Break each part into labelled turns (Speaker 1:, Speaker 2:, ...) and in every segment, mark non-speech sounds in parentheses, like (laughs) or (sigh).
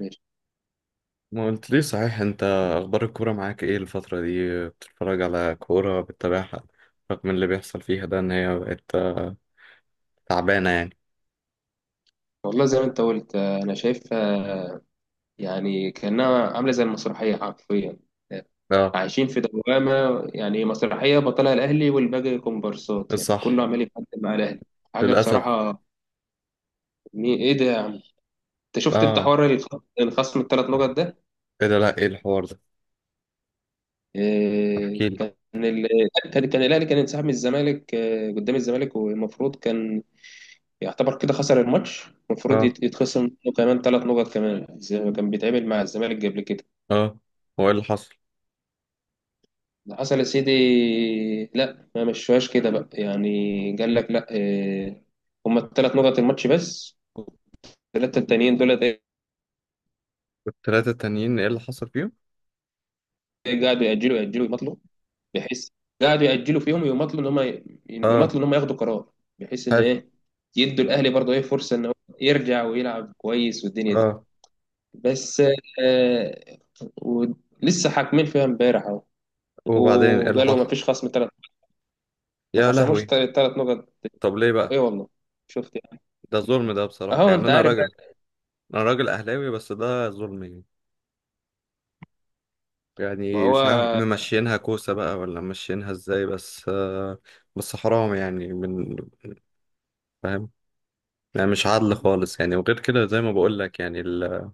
Speaker 1: ماشي.
Speaker 2: ما قلت ليه صحيح انت؟ اخبار الكوره معاك ايه الفتره دي؟ بتتفرج على كوره، بتتابعها؟ رغم اللي بيحصل فيها ده ان هي بقت تعبانه يعني.
Speaker 1: والله زي ما انت قلت انا شايفها، يعني كانها عامله زي المسرحيه حرفيا.
Speaker 2: اه.
Speaker 1: عايشين في دوامه، يعني مسرحيه بطلها الاهلي والباقي كومبارسات، يعني
Speaker 2: صح.
Speaker 1: كله عمال يتقدم مع الاهلي. حاجه
Speaker 2: للاسف.
Speaker 1: بصراحه. ايه ده يا عم؟ انت شفت، انت
Speaker 2: اه.
Speaker 1: حوار الخصم الثلاث نقط ده؟
Speaker 2: ايه ده؟ لا ايه الحوار ده؟
Speaker 1: إيه
Speaker 2: احكي لي.
Speaker 1: كان كان الاهلي كان انسحب من الزمالك قدام الزمالك، والمفروض كان يعتبر كده خسر الماتش. المفروض
Speaker 2: اه.
Speaker 1: يتخصم منه كمان ثلاث نقط كمان زي ما كان بيتعمل مع الزمالك قبل كده.
Speaker 2: اه. هو ايه اللي حصل؟
Speaker 1: اللي حصل يا سيدي، لا، ما مشوهاش كده بقى، يعني قال لك لا هما الثلاث نقط الماتش بس. والثلاثه التانيين دول إيه،
Speaker 2: الثلاثه التانيين ايه اللي حصل فيهم؟
Speaker 1: قعدوا يأجلوا يأجلوا يمطلوا، بحيث قعدوا يأجلوا فيهم ويمطلوا ان هم،
Speaker 2: اه.
Speaker 1: ياخدوا قرار، بحيث ان
Speaker 2: حلو.
Speaker 1: ايه، يدوا الاهلي برضه ايه فرصه ان هو يرجع ويلعب كويس والدنيا دي.
Speaker 2: اه.
Speaker 1: بس آه، ولسه حاكمين فيها امبارح اهو.
Speaker 2: وبعدين ايه اللي
Speaker 1: وقالوا ما
Speaker 2: حصل؟
Speaker 1: فيش خصم ثلاث، ما
Speaker 2: يا
Speaker 1: خصموش
Speaker 2: لهوي.
Speaker 1: ثلاث نقط.
Speaker 2: طب ليه
Speaker 1: اي
Speaker 2: بقى؟
Speaker 1: والله، شفت يعني.
Speaker 2: ده ظلم ده بصراحه،
Speaker 1: اهو
Speaker 2: يعني
Speaker 1: انت
Speaker 2: انا
Speaker 1: عارف.
Speaker 2: راجل. انا راجل اهلاوي بس ده ظلم يعني.
Speaker 1: ما
Speaker 2: يعني
Speaker 1: هو.
Speaker 2: مش عارف ممشينها كوسة بقى ولا ممشينها ازاي بس. بس حرام يعني من... فاهم. يعني مش عادل خالص يعني، وغير كده زي ما بقول لك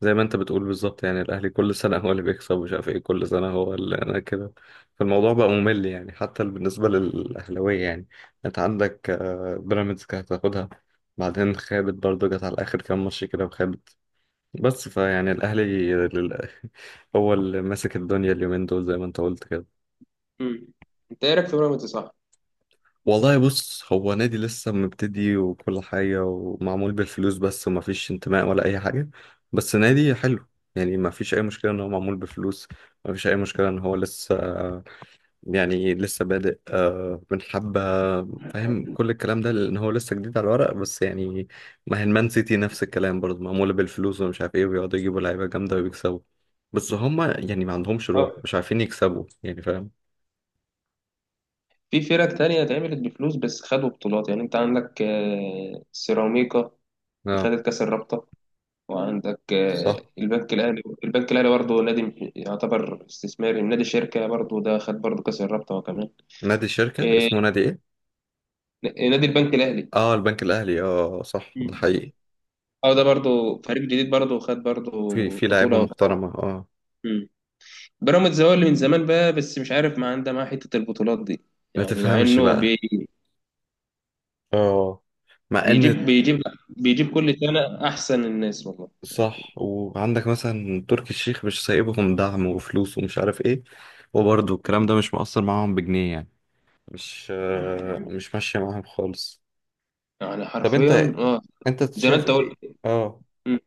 Speaker 2: زي ما انت بتقول بالظبط، يعني الاهلي كل سنة هو اللي بيكسب، ومش عارف ايه، كل سنة هو اللي انا كده. فالموضوع بقى ممل يعني، حتى بالنسبة للاهلاوية يعني. انت عندك بيراميدز كانت هتاخدها. بعدين خابت برضه، جت على اخر كام ماتش كده وخابت. بس فيعني الاهلي (laughs) هو اللي ماسك الدنيا اليومين دول زي ما انت قلت كده.
Speaker 1: مم. انت ايه رايك في بيراميدز صح؟
Speaker 2: والله بص، هو نادي لسه مبتدي وكل حاجة، ومعمول بالفلوس بس، ومفيش انتماء ولا أي حاجة. بس نادي حلو. يعني مفيش أي مشكلة إن هو معمول بفلوس. مفيش أي مشكلة إن هو لسه، يعني لسه بادئ من حبة. فاهم كل الكلام ده لأن هو لسه جديد على الورق بس يعني. ما هي المان سيتي نفس الكلام برضه، معمولة بالفلوس ومش عارف إيه، وبيقعدوا يجيبوا لعيبة جامدة ويكسبوا. بس هما يعني ما عندهمش روح،
Speaker 1: اه،
Speaker 2: مش عارفين يكسبوا يعني، فاهم؟
Speaker 1: في فرق تانية اتعملت بفلوس بس خدوا بطولات، يعني انت عندك سيراميكا، دي
Speaker 2: اه.
Speaker 1: خدت كاس الرابطة. وعندك
Speaker 2: صح.
Speaker 1: البنك الاهلي، البنك الاهلي برضه نادي يعتبر استثماري، نادي شركة برضه، ده خد برضه كاس الرابطة وكمان.
Speaker 2: نادي الشركة
Speaker 1: إيه،
Speaker 2: اسمه نادي إيه؟
Speaker 1: نادي البنك الاهلي.
Speaker 2: اه البنك الاهلي. اه صح ده
Speaker 1: مم.
Speaker 2: حقيقي.
Speaker 1: اه، ده برضه فريق جديد برضه خد برضه
Speaker 2: في لعيبه
Speaker 1: بطولة وكمان.
Speaker 2: محترمه اه.
Speaker 1: مم. بيراميدز هو اللي من زمان بقى، بس مش عارف، ما عنده معاه حتة البطولات دي،
Speaker 2: ما
Speaker 1: يعني مع
Speaker 2: تفهمش
Speaker 1: انه
Speaker 2: بقى. اه. مع ان.
Speaker 1: بيجيب آه، بيجيب بيجيب كل سنة أحسن الناس والله.
Speaker 2: صح. وعندك مثلا تركي الشيخ مش سايبهم دعم وفلوس، ومش عارف ايه. وبرضه الكلام ده مش مؤثر معاهم بجنيه يعني. مش ماشيه معاهم خالص.
Speaker 1: يعني
Speaker 2: طب انت
Speaker 1: حرفيا اه،
Speaker 2: انت
Speaker 1: زي ما
Speaker 2: شايف
Speaker 1: أنت
Speaker 2: ايه؟
Speaker 1: قلت.
Speaker 2: اه.
Speaker 1: مم.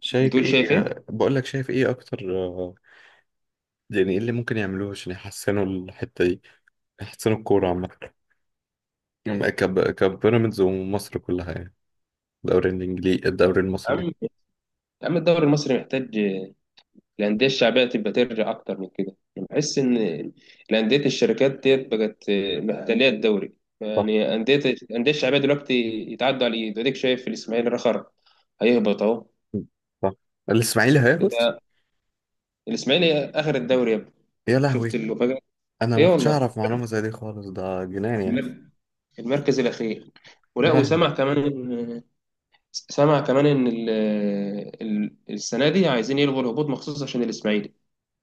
Speaker 2: شايف
Speaker 1: بتقول
Speaker 2: ايه
Speaker 1: شايف إيه؟ يا
Speaker 2: آه، بقول لك شايف ايه اكتر. يعني ايه اللي ممكن يعملوه عشان يحسنوا الحته دي، يحسنوا الكوره عامه؟ م- كب كبيراميدز ومصر كلها يعني، الدوري الانجليزي، الدوري المصري
Speaker 1: عم
Speaker 2: يعني.
Speaker 1: يا عم، الدوري المصري محتاج الأندية الشعبية تبقى ترجع أكتر من كده، أنا بحس إن الأندية، الشركات ديت بقت محتلية الدوري،
Speaker 2: صح.
Speaker 1: يعني الأندية الشعبية دلوقتي يتعدوا على الإيد، وأديك شايف الإسماعيلي رخر هيهبط أهو.
Speaker 2: صح الاسماعيلي هيهبط.
Speaker 1: ده الإسماعيلي آخر الدوري يا ابني.
Speaker 2: يا لهوي.
Speaker 1: شفت المفاجأة؟
Speaker 2: انا
Speaker 1: إيه
Speaker 2: ما كنتش
Speaker 1: والله.
Speaker 2: اعرف معلومه زي دي خالص، ده جنان يعني.
Speaker 1: المر- المركز الأخير.
Speaker 2: يا
Speaker 1: ولا
Speaker 2: لهوي.
Speaker 1: وسمع كمان، سامع كمان ان ال ال السنه دي عايزين يلغوا الهبوط مخصوص عشان الاسماعيلي.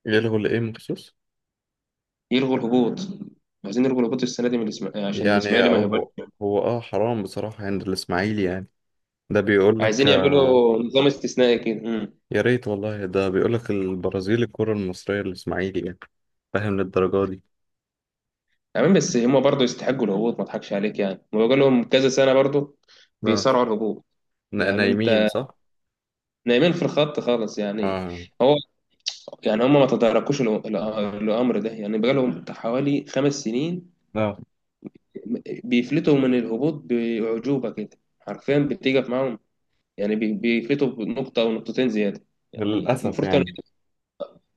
Speaker 2: يلغوا الايه مخصوص؟
Speaker 1: يلغوا الهبوط، عايزين يلغوا الهبوط السنه دي من الاسماعيلي عشان
Speaker 2: يعني
Speaker 1: الاسماعيلي ما يهبطش.
Speaker 2: هو هو اه حرام بصراحه عند الاسماعيلي يعني. ده بيقول لك
Speaker 1: عايزين
Speaker 2: آه،
Speaker 1: يعملوا نظام استثنائي كده.
Speaker 2: يا ريت والله. ده بيقول لك البرازيل الكره المصريه الاسماعيلي يعني، فاهم للدرجه دي.
Speaker 1: تمام، بس هم برضه يستحقوا الهبوط. ما اضحكش عليك يعني، ما بقول لهم كذا سنه برضه
Speaker 2: اه.
Speaker 1: بيصارعوا الهبوط. يعني
Speaker 2: نايمين
Speaker 1: انت،
Speaker 2: صح.
Speaker 1: نايمين في الخط خالص يعني.
Speaker 2: اه.
Speaker 1: هو، يعني هم ما تداركوش الامر ده، يعني بقى لهم حوالي خمس سنين
Speaker 2: اه.
Speaker 1: بيفلتوا من الهبوط باعجوبه كده حرفيا، بتيجي معاهم يعني، بيفيتوا بنقطة أو نقطتين زيادة. يعني
Speaker 2: للاسف
Speaker 1: المفروض كان،
Speaker 2: يعني.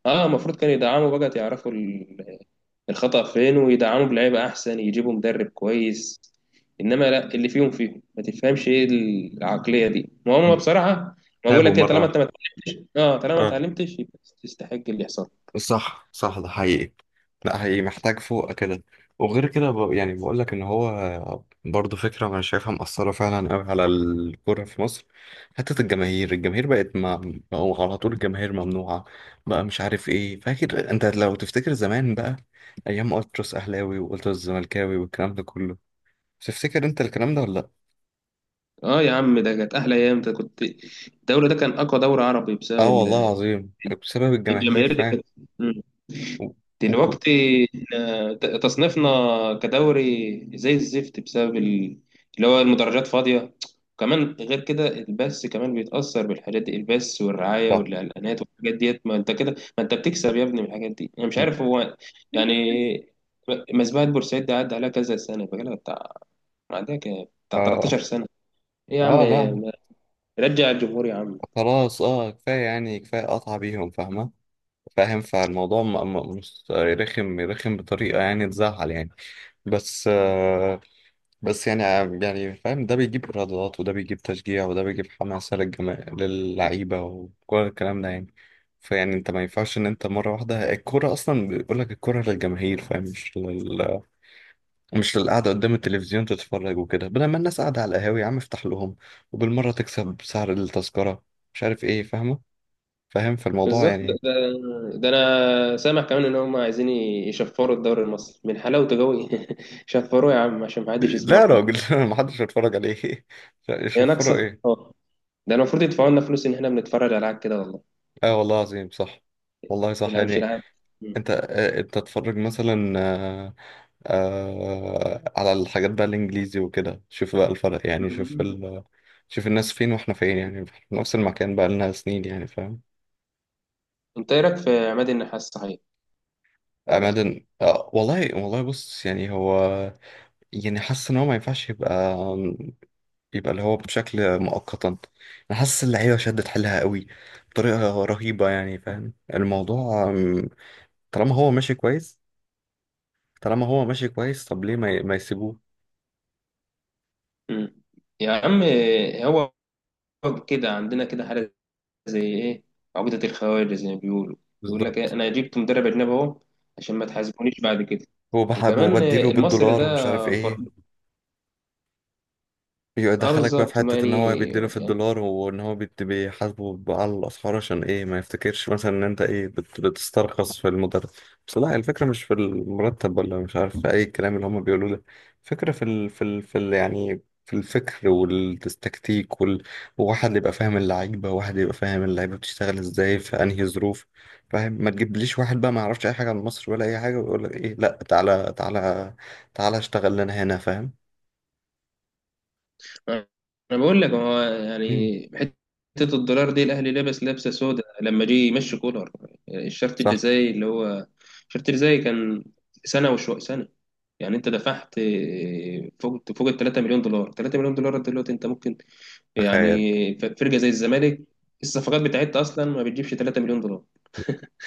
Speaker 1: اه المفروض كانوا يدعموا بقى، يعرفوا الخطأ فين، ويدعموا بلعيبة أحسن، يجيبوا مدرب كويس. إنما لا، اللي فيهم ما تفهمش إيه، العقلية دي. ما هم بصراحة، ما بقول
Speaker 2: تعبوا
Speaker 1: لك إيه، طالما
Speaker 2: مره
Speaker 1: أنت ما، اه طالما ما
Speaker 2: واحده.
Speaker 1: اتعلمتش يبقى تستحق اللي يحصل.
Speaker 2: صح صح ده حقيقي. لا هي محتاج فوق كده. وغير كده يعني بقول لك ان هو برضه فكره انا شايفها مأثره فعلا قوي على الكوره في مصر. حته الجماهير بقت ما بقوا على طول. الجماهير ممنوعه بقى، مش عارف ايه. فاكر انت، لو تفتكر زمان بقى ايام التراس اهلاوي والتراس زملكاوي والكلام ده كله؟ تفتكر انت الكلام ده ولا لا؟
Speaker 1: اه يا عم، ده كانت أحلى أيام، ده كنت، الدوري ده كان أقوى دوري عربي بسبب
Speaker 2: اه والله العظيم، بسبب الجماهير
Speaker 1: الجماهير دي
Speaker 2: فاهم.
Speaker 1: كانت.
Speaker 2: و... وكو-
Speaker 1: دلوقتي، إحنا تصنيفنا كدوري زي الزفت بسبب اللي هو المدرجات فاضية. وكمان غير كده البث كمان بيتأثر بالحاجات دي، البث والرعاية
Speaker 2: صح.
Speaker 1: والإعلانات والحاجات ديت، ما انت كده، ما انت بتكسب يا ابني من الحاجات دي، انا مش عارف هو يعني. مسبحة بورسعيد دي عدى عليها كذا سنة، بقالها بتاع، عندها بتاع
Speaker 2: اه. اه.
Speaker 1: 13 سنة. ايه يا عم،
Speaker 2: آه. لا،
Speaker 1: رجع الجمهور يا عم.
Speaker 2: خلاص، اه كفاية يعني، كفاية قطع بيهم، فاهمة؟ فاهم فالموضوع مش رخم، رخم بطريقة يعني تزعل يعني. بس آه بس يعني، يعني فاهم ده بيجيب إيرادات، وده بيجيب تشجيع، وده بيجيب حماسة للجما، للعيبة، وكل الكلام ده يعني. فيعني انت ما ينفعش ان انت مرة واحدة الكورة اصلا، بيقول لك الكورة للجماهير فاهم، مش للقعدة قدام التلفزيون تتفرج وكده. بدل ما الناس قاعدة على القهاوي يا عم افتح لهم، وبالمرة تكسب سعر التذكرة، مش عارف ايه فاهمة. فاهم فالموضوع
Speaker 1: بالظبط
Speaker 2: يعني.
Speaker 1: ده، انا سامع كمان ان هم عايزين يشفروا الدوري المصري من حلاوته قوي. (laughs) شفروه يا عم عشان ما حدش
Speaker 2: لا
Speaker 1: يسمعه
Speaker 2: يا راجل،
Speaker 1: خالص.
Speaker 2: (laughs) محدش هيتفرج عليه (laughs)
Speaker 1: هي
Speaker 2: يشفروا
Speaker 1: ناقصه
Speaker 2: ايه؟
Speaker 1: اه. ده المفروض يدفعوا لنا فلوس ان احنا بنتفرج على العاب كده والله.
Speaker 2: اه والله عظيم صح. والله صح
Speaker 1: يلعب مش
Speaker 2: يعني.
Speaker 1: العاب.
Speaker 2: انت
Speaker 1: مم.
Speaker 2: انت تتفرج مثلا، على الحاجات بقى الانجليزي وكده. شوف بقى الفرق يعني، شوف
Speaker 1: مم.
Speaker 2: شوف الناس فين واحنا فين، يعني في نفس المكان بقى لنا سنين يعني، فاهم؟
Speaker 1: انت ايه رايك في عماد النحاس صحيح، بتاع الأهلي؟
Speaker 2: أماكن والله. والله بص يعني هو، يعني حاسس إن هو ما ينفعش يبقى، يبقى اللي هو بشكل مؤقتا. انا حاسس اللعيبه شدت حيلها قوي بطريقه رهيبه يعني، فاهم الموضوع. طالما هو ماشي كويس، طالما هو ماشي كويس طب ليه ما يسيبوه؟
Speaker 1: مم. يا عم، هو كده عندنا كده حاجه زي ايه، عقده الخواجه زي ما بيقولوا. يقول لك إيه،
Speaker 2: بالظبط.
Speaker 1: انا جبت مدرب اجنبي اهو عشان ما تحاسبونيش بعد كده.
Speaker 2: وبحب
Speaker 1: وكمان
Speaker 2: وبديله
Speaker 1: المصري ده،
Speaker 2: بالدولار ومش عارف ايه.
Speaker 1: اه
Speaker 2: يدخلك بقى في
Speaker 1: بالظبط ما
Speaker 2: حتة ان هو
Speaker 1: يعني،
Speaker 2: بيديله في
Speaker 1: يعني
Speaker 2: الدولار، وان هو بيحاسبه بقى على الاسعار، عشان ايه ما يفتكرش مثلا ان انت ايه بتسترخص في المدرب. بس لا، الفكرة مش في المرتب ولا مش عارف في اي كلام اللي هم بيقولوه ده. الفكرة في ال في ال في ال يعني في الفكر والتكتيك وواحد اللي يبقى فاهم اللعيبة، واحد يبقى فاهم اللعيبة بتشتغل ازاي في انهي ظروف فاهم. ما تجيبليش واحد بقى ما يعرفش اي حاجة عن مصر ولا اي حاجة، ويقول لك ايه لا، تعالى تعالى تعالى اشتغل لنا هنا فاهم.
Speaker 1: انا بقول لك، هو
Speaker 2: مم.
Speaker 1: يعني حته الدولار دي، الاهلي لابس لابسه سودا لما جه يمشي كولر. الشرط
Speaker 2: صح.
Speaker 1: الجزائي اللي هو، الشرط الجزائي كان سنه وشويه سنه. يعني انت دفعت فوق، فوق ال 3 مليون دولار. 3 مليون دولار دلوقتي انت ممكن
Speaker 2: تخيل.
Speaker 1: يعني، فرقه زي الزمالك الصفقات بتاعتها اصلا ما بتجيبش 3 مليون دولار.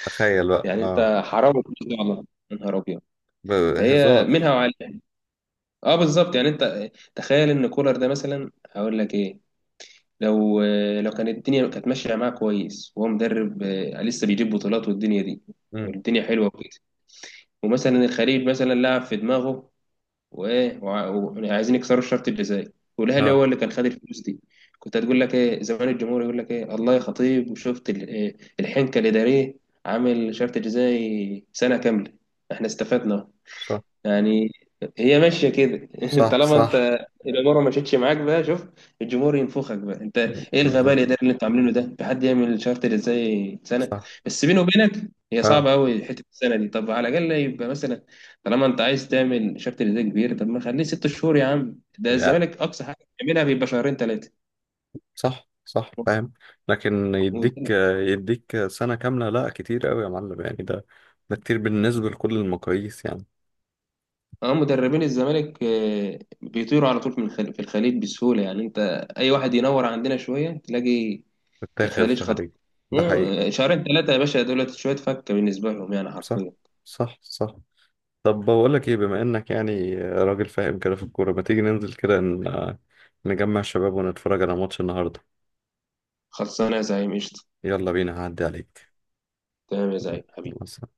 Speaker 2: تخيل بقى
Speaker 1: يعني
Speaker 2: اه.
Speaker 1: انت حرام الفلوس دي والله. يا نهار ابيض. هي
Speaker 2: هزار.
Speaker 1: منها وعليها. اه بالظبط، يعني انت تخيل ان كولر ده مثلا، هقول لك ايه، لو لو كانت الدنيا كانت ماشيه معاه كويس وهو مدرب لسه بيجيب بطولات والدنيا دي
Speaker 2: امم
Speaker 1: والدنيا حلوه وكده، ومثلا الخليج مثلا لعب في دماغه وايه وعايزين يكسروا الشرط الجزائي، والاهلي
Speaker 2: اه.
Speaker 1: هو اللي كان خد الفلوس دي. كنت هتقول لك ايه زمان الجمهور يقول لك ايه الله يا خطيب، وشفت إيه، الحنكه الاداريه، عامل شرط جزائي سنه كامله، احنا استفدنا
Speaker 2: صح
Speaker 1: يعني. هي ماشيه كده. (laughs)
Speaker 2: صح.
Speaker 1: طالما
Speaker 2: صح.
Speaker 1: انت الاماره ما مشيتش معاك بقى، شوف الجمهور ينفخك بقى، انت ايه الغباء
Speaker 2: بالظبط.
Speaker 1: الاداري اللي انتوا عاملينه ده؟ في حد يعمل شارت ازاي سنه؟
Speaker 2: صح.
Speaker 1: بس بيني وبينك هي
Speaker 2: اه
Speaker 1: صعبه قوي حته السنه دي. طب على الاقل يبقى مثلا، طالما انت عايز تعمل شارت ازاي كبير، طب ما خليه ست شهور يا عم. ده
Speaker 2: يعني.
Speaker 1: الزمالك اقصى حاجه بيعملها بيبقى شهرين ثلاثه.
Speaker 2: صح صح فاهم. لكن يديك سنة كاملة، لا كتير قوي يا معلم يعني، ده كتير بالنسبة لكل المقاييس يعني.
Speaker 1: اه مدربين الزمالك بيطيروا على طول من في الخليج بسهوله، يعني انت اي واحد ينور عندنا شويه تلاقي
Speaker 2: بتتاخد في
Speaker 1: الخليج.
Speaker 2: خارجي. ده حقيقي.
Speaker 1: مم، شهرين ثلاثة يا باشا، دولت شوية فكة بالنسبة لهم يعني
Speaker 2: صح
Speaker 1: حرفيا.
Speaker 2: صح صح. طب بقول لك ايه، بما انك يعني راجل فاهم كده في الكورة، ما تيجي ننزل كده نجمع الشباب ونتفرج على ماتش النهاردة؟
Speaker 1: خلصانة يا زعيم، قشطة.
Speaker 2: يلا بينا هعدي عليك.
Speaker 1: تمام يا زعيم حبيبي.
Speaker 2: يلا،